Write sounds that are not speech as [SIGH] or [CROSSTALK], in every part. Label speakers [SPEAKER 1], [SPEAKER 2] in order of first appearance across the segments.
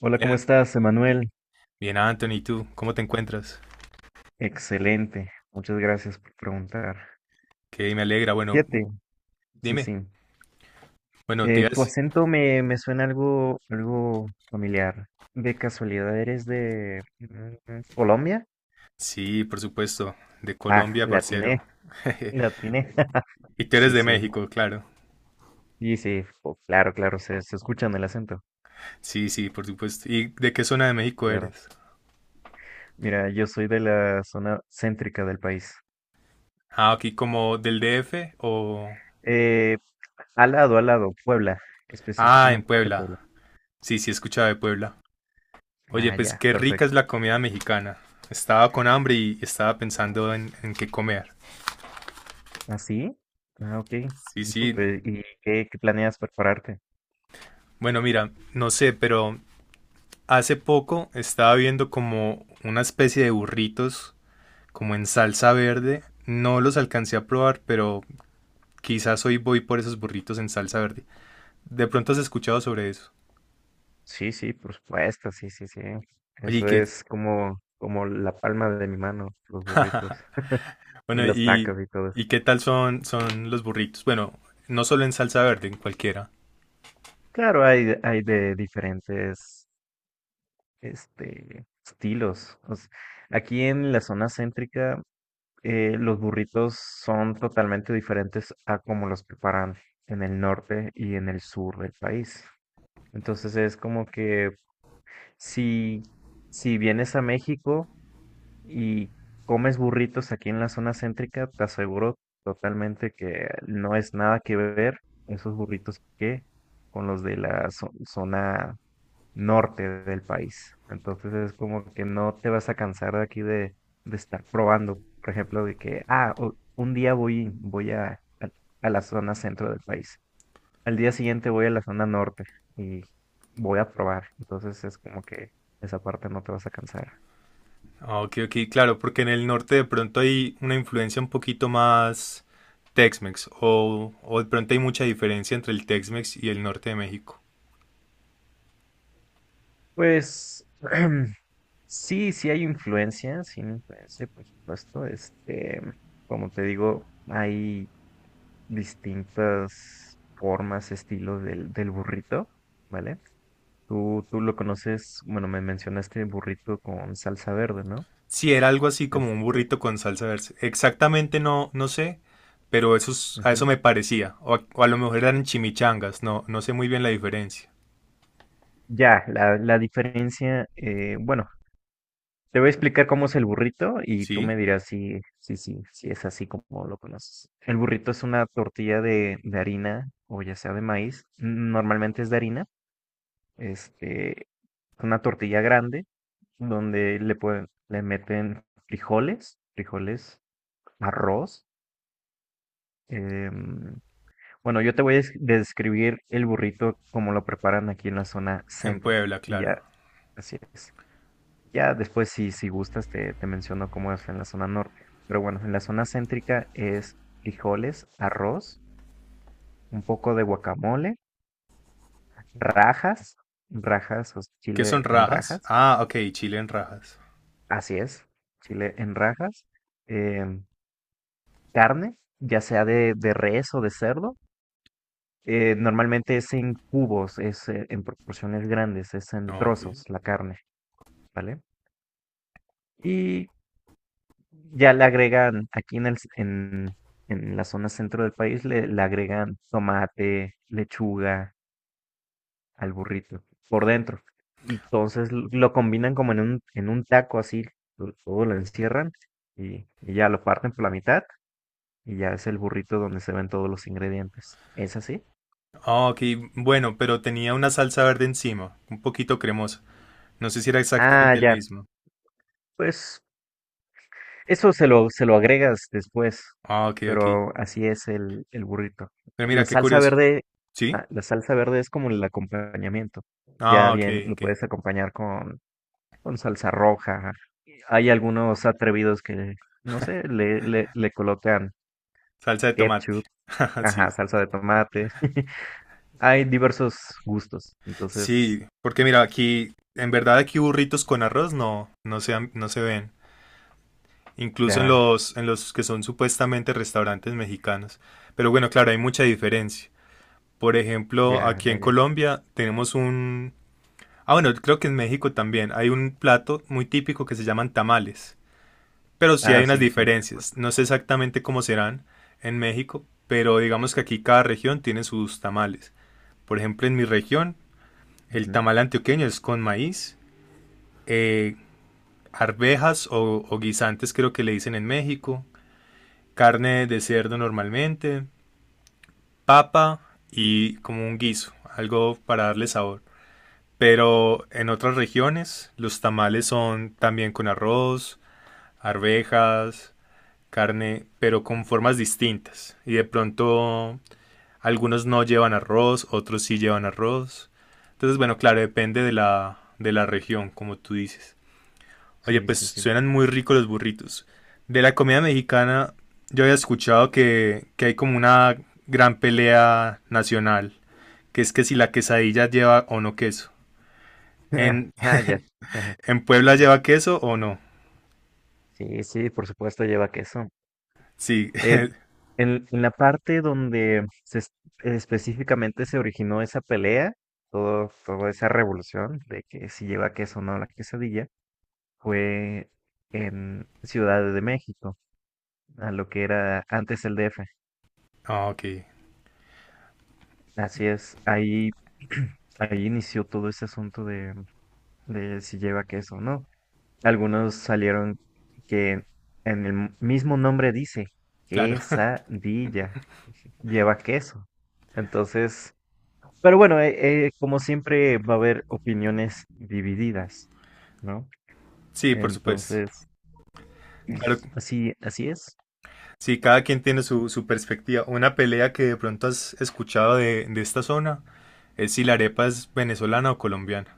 [SPEAKER 1] Hola, ¿cómo
[SPEAKER 2] Bien,
[SPEAKER 1] estás, Emanuel?
[SPEAKER 2] bien, Anthony, ¿y tú? ¿Cómo te encuentras?
[SPEAKER 1] Excelente, muchas gracias por preguntar.
[SPEAKER 2] Que me alegra. Bueno,
[SPEAKER 1] Siete, sí,
[SPEAKER 2] dime.
[SPEAKER 1] sí.
[SPEAKER 2] Bueno,
[SPEAKER 1] Tu acento me suena algo, algo familiar. ¿De casualidad eres de Colombia?
[SPEAKER 2] Sí, por supuesto. De
[SPEAKER 1] Ah,
[SPEAKER 2] Colombia,
[SPEAKER 1] latiné,
[SPEAKER 2] parcero. [LAUGHS]
[SPEAKER 1] [LAUGHS] latiné. [LAUGHS]
[SPEAKER 2] Y tú eres
[SPEAKER 1] Sí,
[SPEAKER 2] de
[SPEAKER 1] sí,
[SPEAKER 2] México, claro.
[SPEAKER 1] sí, sí, oh, claro, claro, se escucha en el acento,
[SPEAKER 2] Sí, sí, por supuesto. ¿Y de qué zona de México
[SPEAKER 1] claro.
[SPEAKER 2] eres?
[SPEAKER 1] Mira, yo soy de la zona céntrica del país.
[SPEAKER 2] Ah, aquí como del DF o.
[SPEAKER 1] Eh, al lado, Puebla,
[SPEAKER 2] Ah, en
[SPEAKER 1] específicamente Puebla.
[SPEAKER 2] Puebla. Sí, sí, he escuchado de Puebla. Oye,
[SPEAKER 1] Ah,
[SPEAKER 2] pues
[SPEAKER 1] ya,
[SPEAKER 2] qué rica es
[SPEAKER 1] perfecto.
[SPEAKER 2] la comida mexicana. Estaba con hambre y estaba pensando en qué comer.
[SPEAKER 1] ¿Ah, sí? Ah, ok.
[SPEAKER 2] Sí,
[SPEAKER 1] Y
[SPEAKER 2] sí.
[SPEAKER 1] pues, ¿qué planeas prepararte?
[SPEAKER 2] Bueno, mira, no sé, pero hace poco estaba viendo como una especie de burritos, como en salsa verde. No los alcancé a probar, pero quizás hoy voy por esos burritos en salsa verde. ¿De pronto has escuchado sobre eso?
[SPEAKER 1] Sí, sí, por supuesto, sí, sí, sí.
[SPEAKER 2] Oye, ¿y
[SPEAKER 1] Eso
[SPEAKER 2] qué?
[SPEAKER 1] es como, como la palma de mi mano, los burritos [LAUGHS] y
[SPEAKER 2] Bueno,
[SPEAKER 1] los
[SPEAKER 2] ¿y,
[SPEAKER 1] tacos y todo eso.
[SPEAKER 2] y qué tal son los burritos? Bueno, no solo en salsa verde, en cualquiera.
[SPEAKER 1] Claro, hay, hay de diferentes, estilos. Aquí en la zona céntrica, los burritos son totalmente diferentes a como los preparan en el norte y en el sur del país. Entonces es como que Si, si vienes a México y comes burritos aquí en la zona céntrica, te aseguro totalmente que no es nada que ver esos burritos que con los de la zona norte del país. Entonces es como que no te vas a cansar de aquí de estar probando, por ejemplo, de que, ah, un día voy a a la zona centro del país, al día siguiente voy a la zona norte y voy a probar. Entonces es como que esa parte no te vas a cansar.
[SPEAKER 2] Ah, ok, ok, claro, porque en el norte de pronto hay una influencia un poquito más Tex-Mex, o de pronto hay mucha diferencia entre el Tex-Mex y el norte de México.
[SPEAKER 1] Pues [CLEARS THROAT] sí, sí hay influencia, por supuesto. Como te digo, hay distintas formas, estilos del burrito, ¿vale? Tú lo conoces, bueno, me mencionaste burrito con salsa verde, ¿no?
[SPEAKER 2] Si era algo así como un
[SPEAKER 1] Este,
[SPEAKER 2] burrito con salsa verde. Exactamente no, no sé, pero a eso
[SPEAKER 1] ujú.
[SPEAKER 2] me parecía. O a lo mejor eran chimichangas, no, no sé muy bien la diferencia.
[SPEAKER 1] Ya, la diferencia, bueno, te voy a explicar cómo es el burrito y tú
[SPEAKER 2] Sí,
[SPEAKER 1] me dirás si, si, si, si es así como lo conoces. El burrito es una tortilla de harina o ya sea de maíz. Normalmente es de harina. Este, una tortilla grande donde le pueden, le meten frijoles, frijoles, arroz. em, bueno, yo te voy a describir el burrito como lo preparan aquí en la zona
[SPEAKER 2] en
[SPEAKER 1] céntrica
[SPEAKER 2] Puebla,
[SPEAKER 1] y
[SPEAKER 2] claro.
[SPEAKER 1] ya, así es. Ya después, si, si gustas, te menciono cómo es en la zona norte. Pero bueno, en la zona céntrica es frijoles, arroz, un poco de guacamole, rajas, rajas, o sea,
[SPEAKER 2] ¿Qué son
[SPEAKER 1] chile en
[SPEAKER 2] rajas?
[SPEAKER 1] rajas,
[SPEAKER 2] Ah, ok, chile en rajas.
[SPEAKER 1] así es, chile en rajas, em, carne, ya sea de res o de cerdo. Normalmente es en cubos, es en proporciones grandes, es en
[SPEAKER 2] No, ok.
[SPEAKER 1] trozos la carne, ¿vale? Y ya le agregan, aquí en en la zona centro del país, le agregan tomate, lechuga al burrito por dentro. Entonces lo combinan como en un taco así, todo lo encierran y ya lo parten por la mitad y ya es el burrito donde se ven todos los ingredientes. ¿Es así?
[SPEAKER 2] Ah, ok, bueno, pero tenía una salsa verde encima, un poquito cremosa. No sé si era
[SPEAKER 1] Ah,
[SPEAKER 2] exactamente el
[SPEAKER 1] ya.
[SPEAKER 2] mismo.
[SPEAKER 1] Pues eso se lo agregas después,
[SPEAKER 2] Ah, ok, ok.
[SPEAKER 1] pero así es el burrito.
[SPEAKER 2] Pero mira,
[SPEAKER 1] La
[SPEAKER 2] qué
[SPEAKER 1] salsa
[SPEAKER 2] curioso.
[SPEAKER 1] verde,
[SPEAKER 2] ¿Sí?
[SPEAKER 1] ah, la salsa verde es como el acompañamiento. Ya
[SPEAKER 2] Ah, ok,
[SPEAKER 1] bien, lo
[SPEAKER 2] ok.
[SPEAKER 1] puedes acompañar con salsa roja. Hay algunos atrevidos que, no sé, le colocan
[SPEAKER 2] Salsa de tomate.
[SPEAKER 1] ketchup,
[SPEAKER 2] [LAUGHS] Sí,
[SPEAKER 1] ajá, salsa de tomate. [LAUGHS] Hay diversos gustos. Entonces,
[SPEAKER 2] sí, porque mira, aquí, en verdad aquí burritos con arroz no se ven. Incluso en
[SPEAKER 1] ya,
[SPEAKER 2] los, que son supuestamente restaurantes mexicanos. Pero bueno, claro, hay mucha diferencia. Por ejemplo,
[SPEAKER 1] ya,
[SPEAKER 2] aquí
[SPEAKER 1] ya,
[SPEAKER 2] en
[SPEAKER 1] ya.
[SPEAKER 2] Colombia tenemos un. Ah, bueno, creo que en México también hay un plato muy típico que se llaman tamales. Pero sí hay
[SPEAKER 1] Ah,
[SPEAKER 2] unas
[SPEAKER 1] sí, sí, por supuesto.
[SPEAKER 2] diferencias. No sé exactamente cómo serán en México, pero digamos que aquí cada región tiene sus tamales. Por ejemplo, en mi región, el
[SPEAKER 1] Ujú.
[SPEAKER 2] tamal antioqueño es con maíz. eh, Arvejas o guisantes creo que le dicen en México, carne de cerdo normalmente, papa y como un guiso, algo para darle sabor. Pero en otras regiones los tamales son también con arroz, arvejas, carne, pero con formas distintas. Y de pronto algunos no llevan arroz, otros sí llevan arroz. Entonces, bueno, claro, depende de la región, como tú dices. Oye,
[SPEAKER 1] Sí,
[SPEAKER 2] pues
[SPEAKER 1] sí, sí.
[SPEAKER 2] suenan muy ricos los burritos. De la comida mexicana, yo había escuchado que hay como una gran pelea nacional, que es que si la quesadilla lleva o no queso.
[SPEAKER 1] [LAUGHS]
[SPEAKER 2] ¿En,
[SPEAKER 1] Ah, ya.
[SPEAKER 2] [LAUGHS]
[SPEAKER 1] Ajá.
[SPEAKER 2] ¿En
[SPEAKER 1] Sí,
[SPEAKER 2] Puebla
[SPEAKER 1] sí.
[SPEAKER 2] lleva queso o no?
[SPEAKER 1] Sí, sí, por supuesto lleva queso.
[SPEAKER 2] Sí.
[SPEAKER 1] Eh,
[SPEAKER 2] [LAUGHS]
[SPEAKER 1] en la parte donde se específicamente se originó esa pelea, todo, toda esa revolución de que si lleva queso o no la quesadilla, fue en Ciudad de México, a lo que era antes el DF.
[SPEAKER 2] Ah, ok,
[SPEAKER 1] Así es, ahí, [CLEARS THROAT] ahí inició todo ese asunto de si lleva queso o no. Algunos salieron que en el mismo nombre dice
[SPEAKER 2] claro. [LAUGHS]
[SPEAKER 1] quesadilla, lleva queso. Entonces, pero bueno, como siempre va a haber opiniones divididas, ¿no?
[SPEAKER 2] Sí, por supuesto.
[SPEAKER 1] Entonces,
[SPEAKER 2] Claro,
[SPEAKER 1] así, así es.
[SPEAKER 2] sí, cada quien tiene su perspectiva. Una pelea que de pronto has escuchado de esta zona es si la arepa es venezolana o colombiana.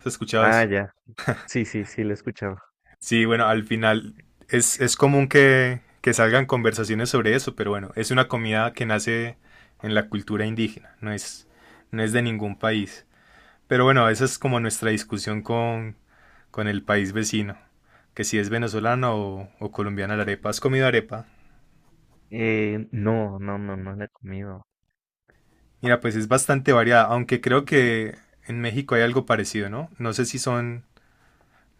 [SPEAKER 2] ¿Has escuchado
[SPEAKER 1] Ah,
[SPEAKER 2] eso?
[SPEAKER 1] ya. Sí, sí, sí, lo he escuchado.
[SPEAKER 2] Sí, bueno, al final es común que salgan conversaciones sobre eso, pero bueno, es una comida que nace en la cultura indígena, no es de ningún país. Pero bueno, esa es como nuestra discusión con el país vecino, que si es venezolana o colombiana la arepa. ¿Has comido arepa?
[SPEAKER 1] No, no, no, no la he comido.
[SPEAKER 2] Mira, pues es bastante variada, aunque creo que en México hay algo parecido, ¿no? No sé si son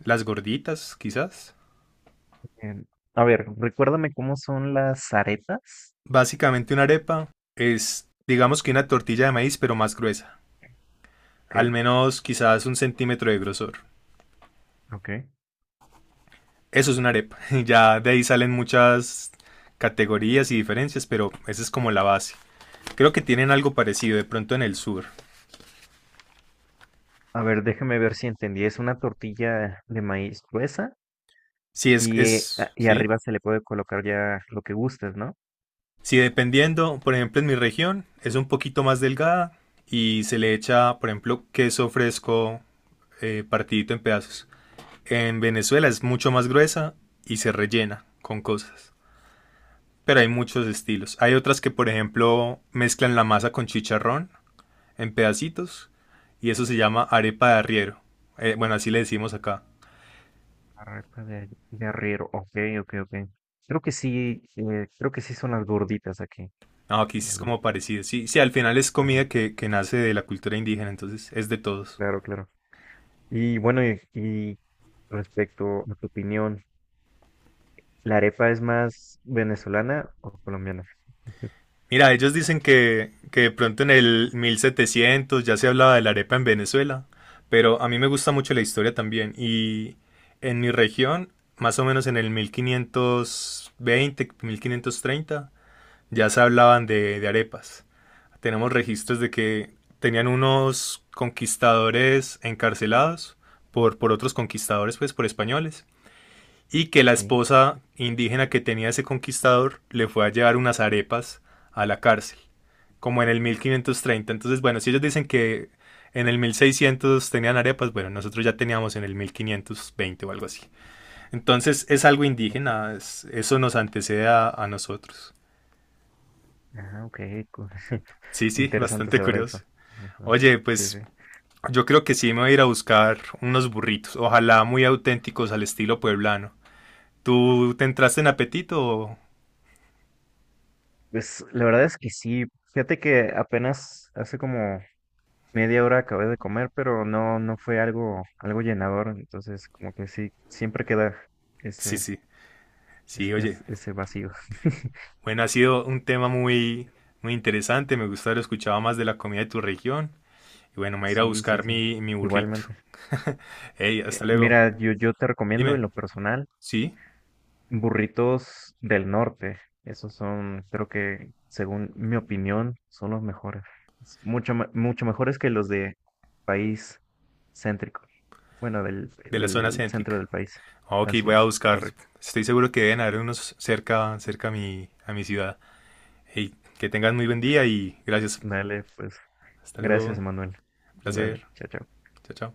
[SPEAKER 2] las gorditas, quizás.
[SPEAKER 1] Em, a ver, recuérdame cómo son las arepas.
[SPEAKER 2] Básicamente una arepa es, digamos que una tortilla de maíz, pero más gruesa.
[SPEAKER 1] Ok,
[SPEAKER 2] Al menos quizás un centímetro de grosor.
[SPEAKER 1] ok.
[SPEAKER 2] Eso es una arepa. [LAUGHS] Ya de ahí salen muchas categorías y diferencias, pero esa es como la base. Creo que tienen algo parecido de pronto en el sur.
[SPEAKER 1] A ver, déjame ver si entendí. Es una tortilla de maíz gruesa
[SPEAKER 2] Si es,
[SPEAKER 1] y,
[SPEAKER 2] es,
[SPEAKER 1] y
[SPEAKER 2] sí.
[SPEAKER 1] arriba se le puede colocar ya lo que gustes, ¿no?
[SPEAKER 2] Si dependiendo, por ejemplo, en mi región es un poquito más delgada y se le echa, por ejemplo, queso fresco partidito en pedazos. En Venezuela es mucho más gruesa y se rellena con cosas. Pero hay muchos estilos. Hay otras que, por ejemplo, mezclan la masa con chicharrón en pedacitos y eso se llama arepa de arriero. Bueno, así le decimos acá.
[SPEAKER 1] Arepa de arriero. Ok, ok, ok. Creo que sí son las gorditas aquí.
[SPEAKER 2] No, aquí sí
[SPEAKER 1] Las
[SPEAKER 2] es como
[SPEAKER 1] gorditas.
[SPEAKER 2] parecido. Sí, sí, al final es
[SPEAKER 1] Ajá,
[SPEAKER 2] comida que nace de la cultura indígena, entonces es de todos.
[SPEAKER 1] claro, claro. Y bueno, y respecto a tu opinión, ¿la arepa es más venezolana o colombiana? [LAUGHS]
[SPEAKER 2] Mira, ellos dicen que de pronto en el 1700 ya se hablaba de la arepa en Venezuela, pero a mí me gusta mucho la historia también. Y en mi región, más o menos en el mil quinientos veinte 1530 ya se hablaban de arepas. Tenemos registros de que tenían unos conquistadores encarcelados por otros conquistadores, pues por españoles, y que la
[SPEAKER 1] Sí,
[SPEAKER 2] esposa indígena que tenía ese conquistador le fue a llevar unas arepas a la cárcel, como en el 1530. Entonces, bueno, si ellos dicen que en el 1600 tenían arepas, bueno, nosotros ya teníamos en el 1520 o algo así. Entonces es algo
[SPEAKER 1] ok.
[SPEAKER 2] indígena, eso nos antecede a nosotros.
[SPEAKER 1] Ah, ok. co- [LAUGHS]
[SPEAKER 2] Sí, sí,
[SPEAKER 1] Interesante
[SPEAKER 2] bastante
[SPEAKER 1] saber eso.
[SPEAKER 2] curioso.
[SPEAKER 1] Ajá,
[SPEAKER 2] Oye,
[SPEAKER 1] sí, sí.
[SPEAKER 2] pues yo creo que sí me voy a ir a buscar unos burritos, ojalá muy auténticos al estilo pueblano. ¿Tú te entraste en apetito?
[SPEAKER 1] Pues la verdad es que sí. Fíjate que apenas hace como media hora acabé de comer, pero no, no fue algo, algo llenador, entonces como que sí, siempre queda
[SPEAKER 2] Sí,
[SPEAKER 1] ese,
[SPEAKER 2] sí, sí, oye.
[SPEAKER 1] ese vacío. [LAUGHS]
[SPEAKER 2] Bueno, ha sido un tema muy, muy interesante, me gusta haber escuchado más de la comida de tu región. Y bueno, me voy a ir a
[SPEAKER 1] Sí, sí,
[SPEAKER 2] buscar
[SPEAKER 1] sí,
[SPEAKER 2] mi burrito.
[SPEAKER 1] igualmente.
[SPEAKER 2] [LAUGHS] Hey, hasta luego.
[SPEAKER 1] Mira, yo te recomiendo
[SPEAKER 2] Dime,
[SPEAKER 1] en lo personal
[SPEAKER 2] ¿sí?
[SPEAKER 1] burritos del norte. Esos son, creo que, según mi opinión, son los mejores. Es mucho, mucho mejores que los de país céntrico. Bueno,
[SPEAKER 2] De la zona
[SPEAKER 1] del centro
[SPEAKER 2] céntrica.
[SPEAKER 1] del país.
[SPEAKER 2] Ok,
[SPEAKER 1] Así
[SPEAKER 2] voy a
[SPEAKER 1] es,
[SPEAKER 2] buscar.
[SPEAKER 1] correcto.
[SPEAKER 2] Estoy seguro que deben haber unos cerca, cerca a mi ciudad. Hey, que tengas muy buen día y gracias.
[SPEAKER 1] Dale, pues.
[SPEAKER 2] Hasta luego.
[SPEAKER 1] Gracias, Manuel.
[SPEAKER 2] Placer.
[SPEAKER 1] Dale, chao, chao.
[SPEAKER 2] Chao, chao.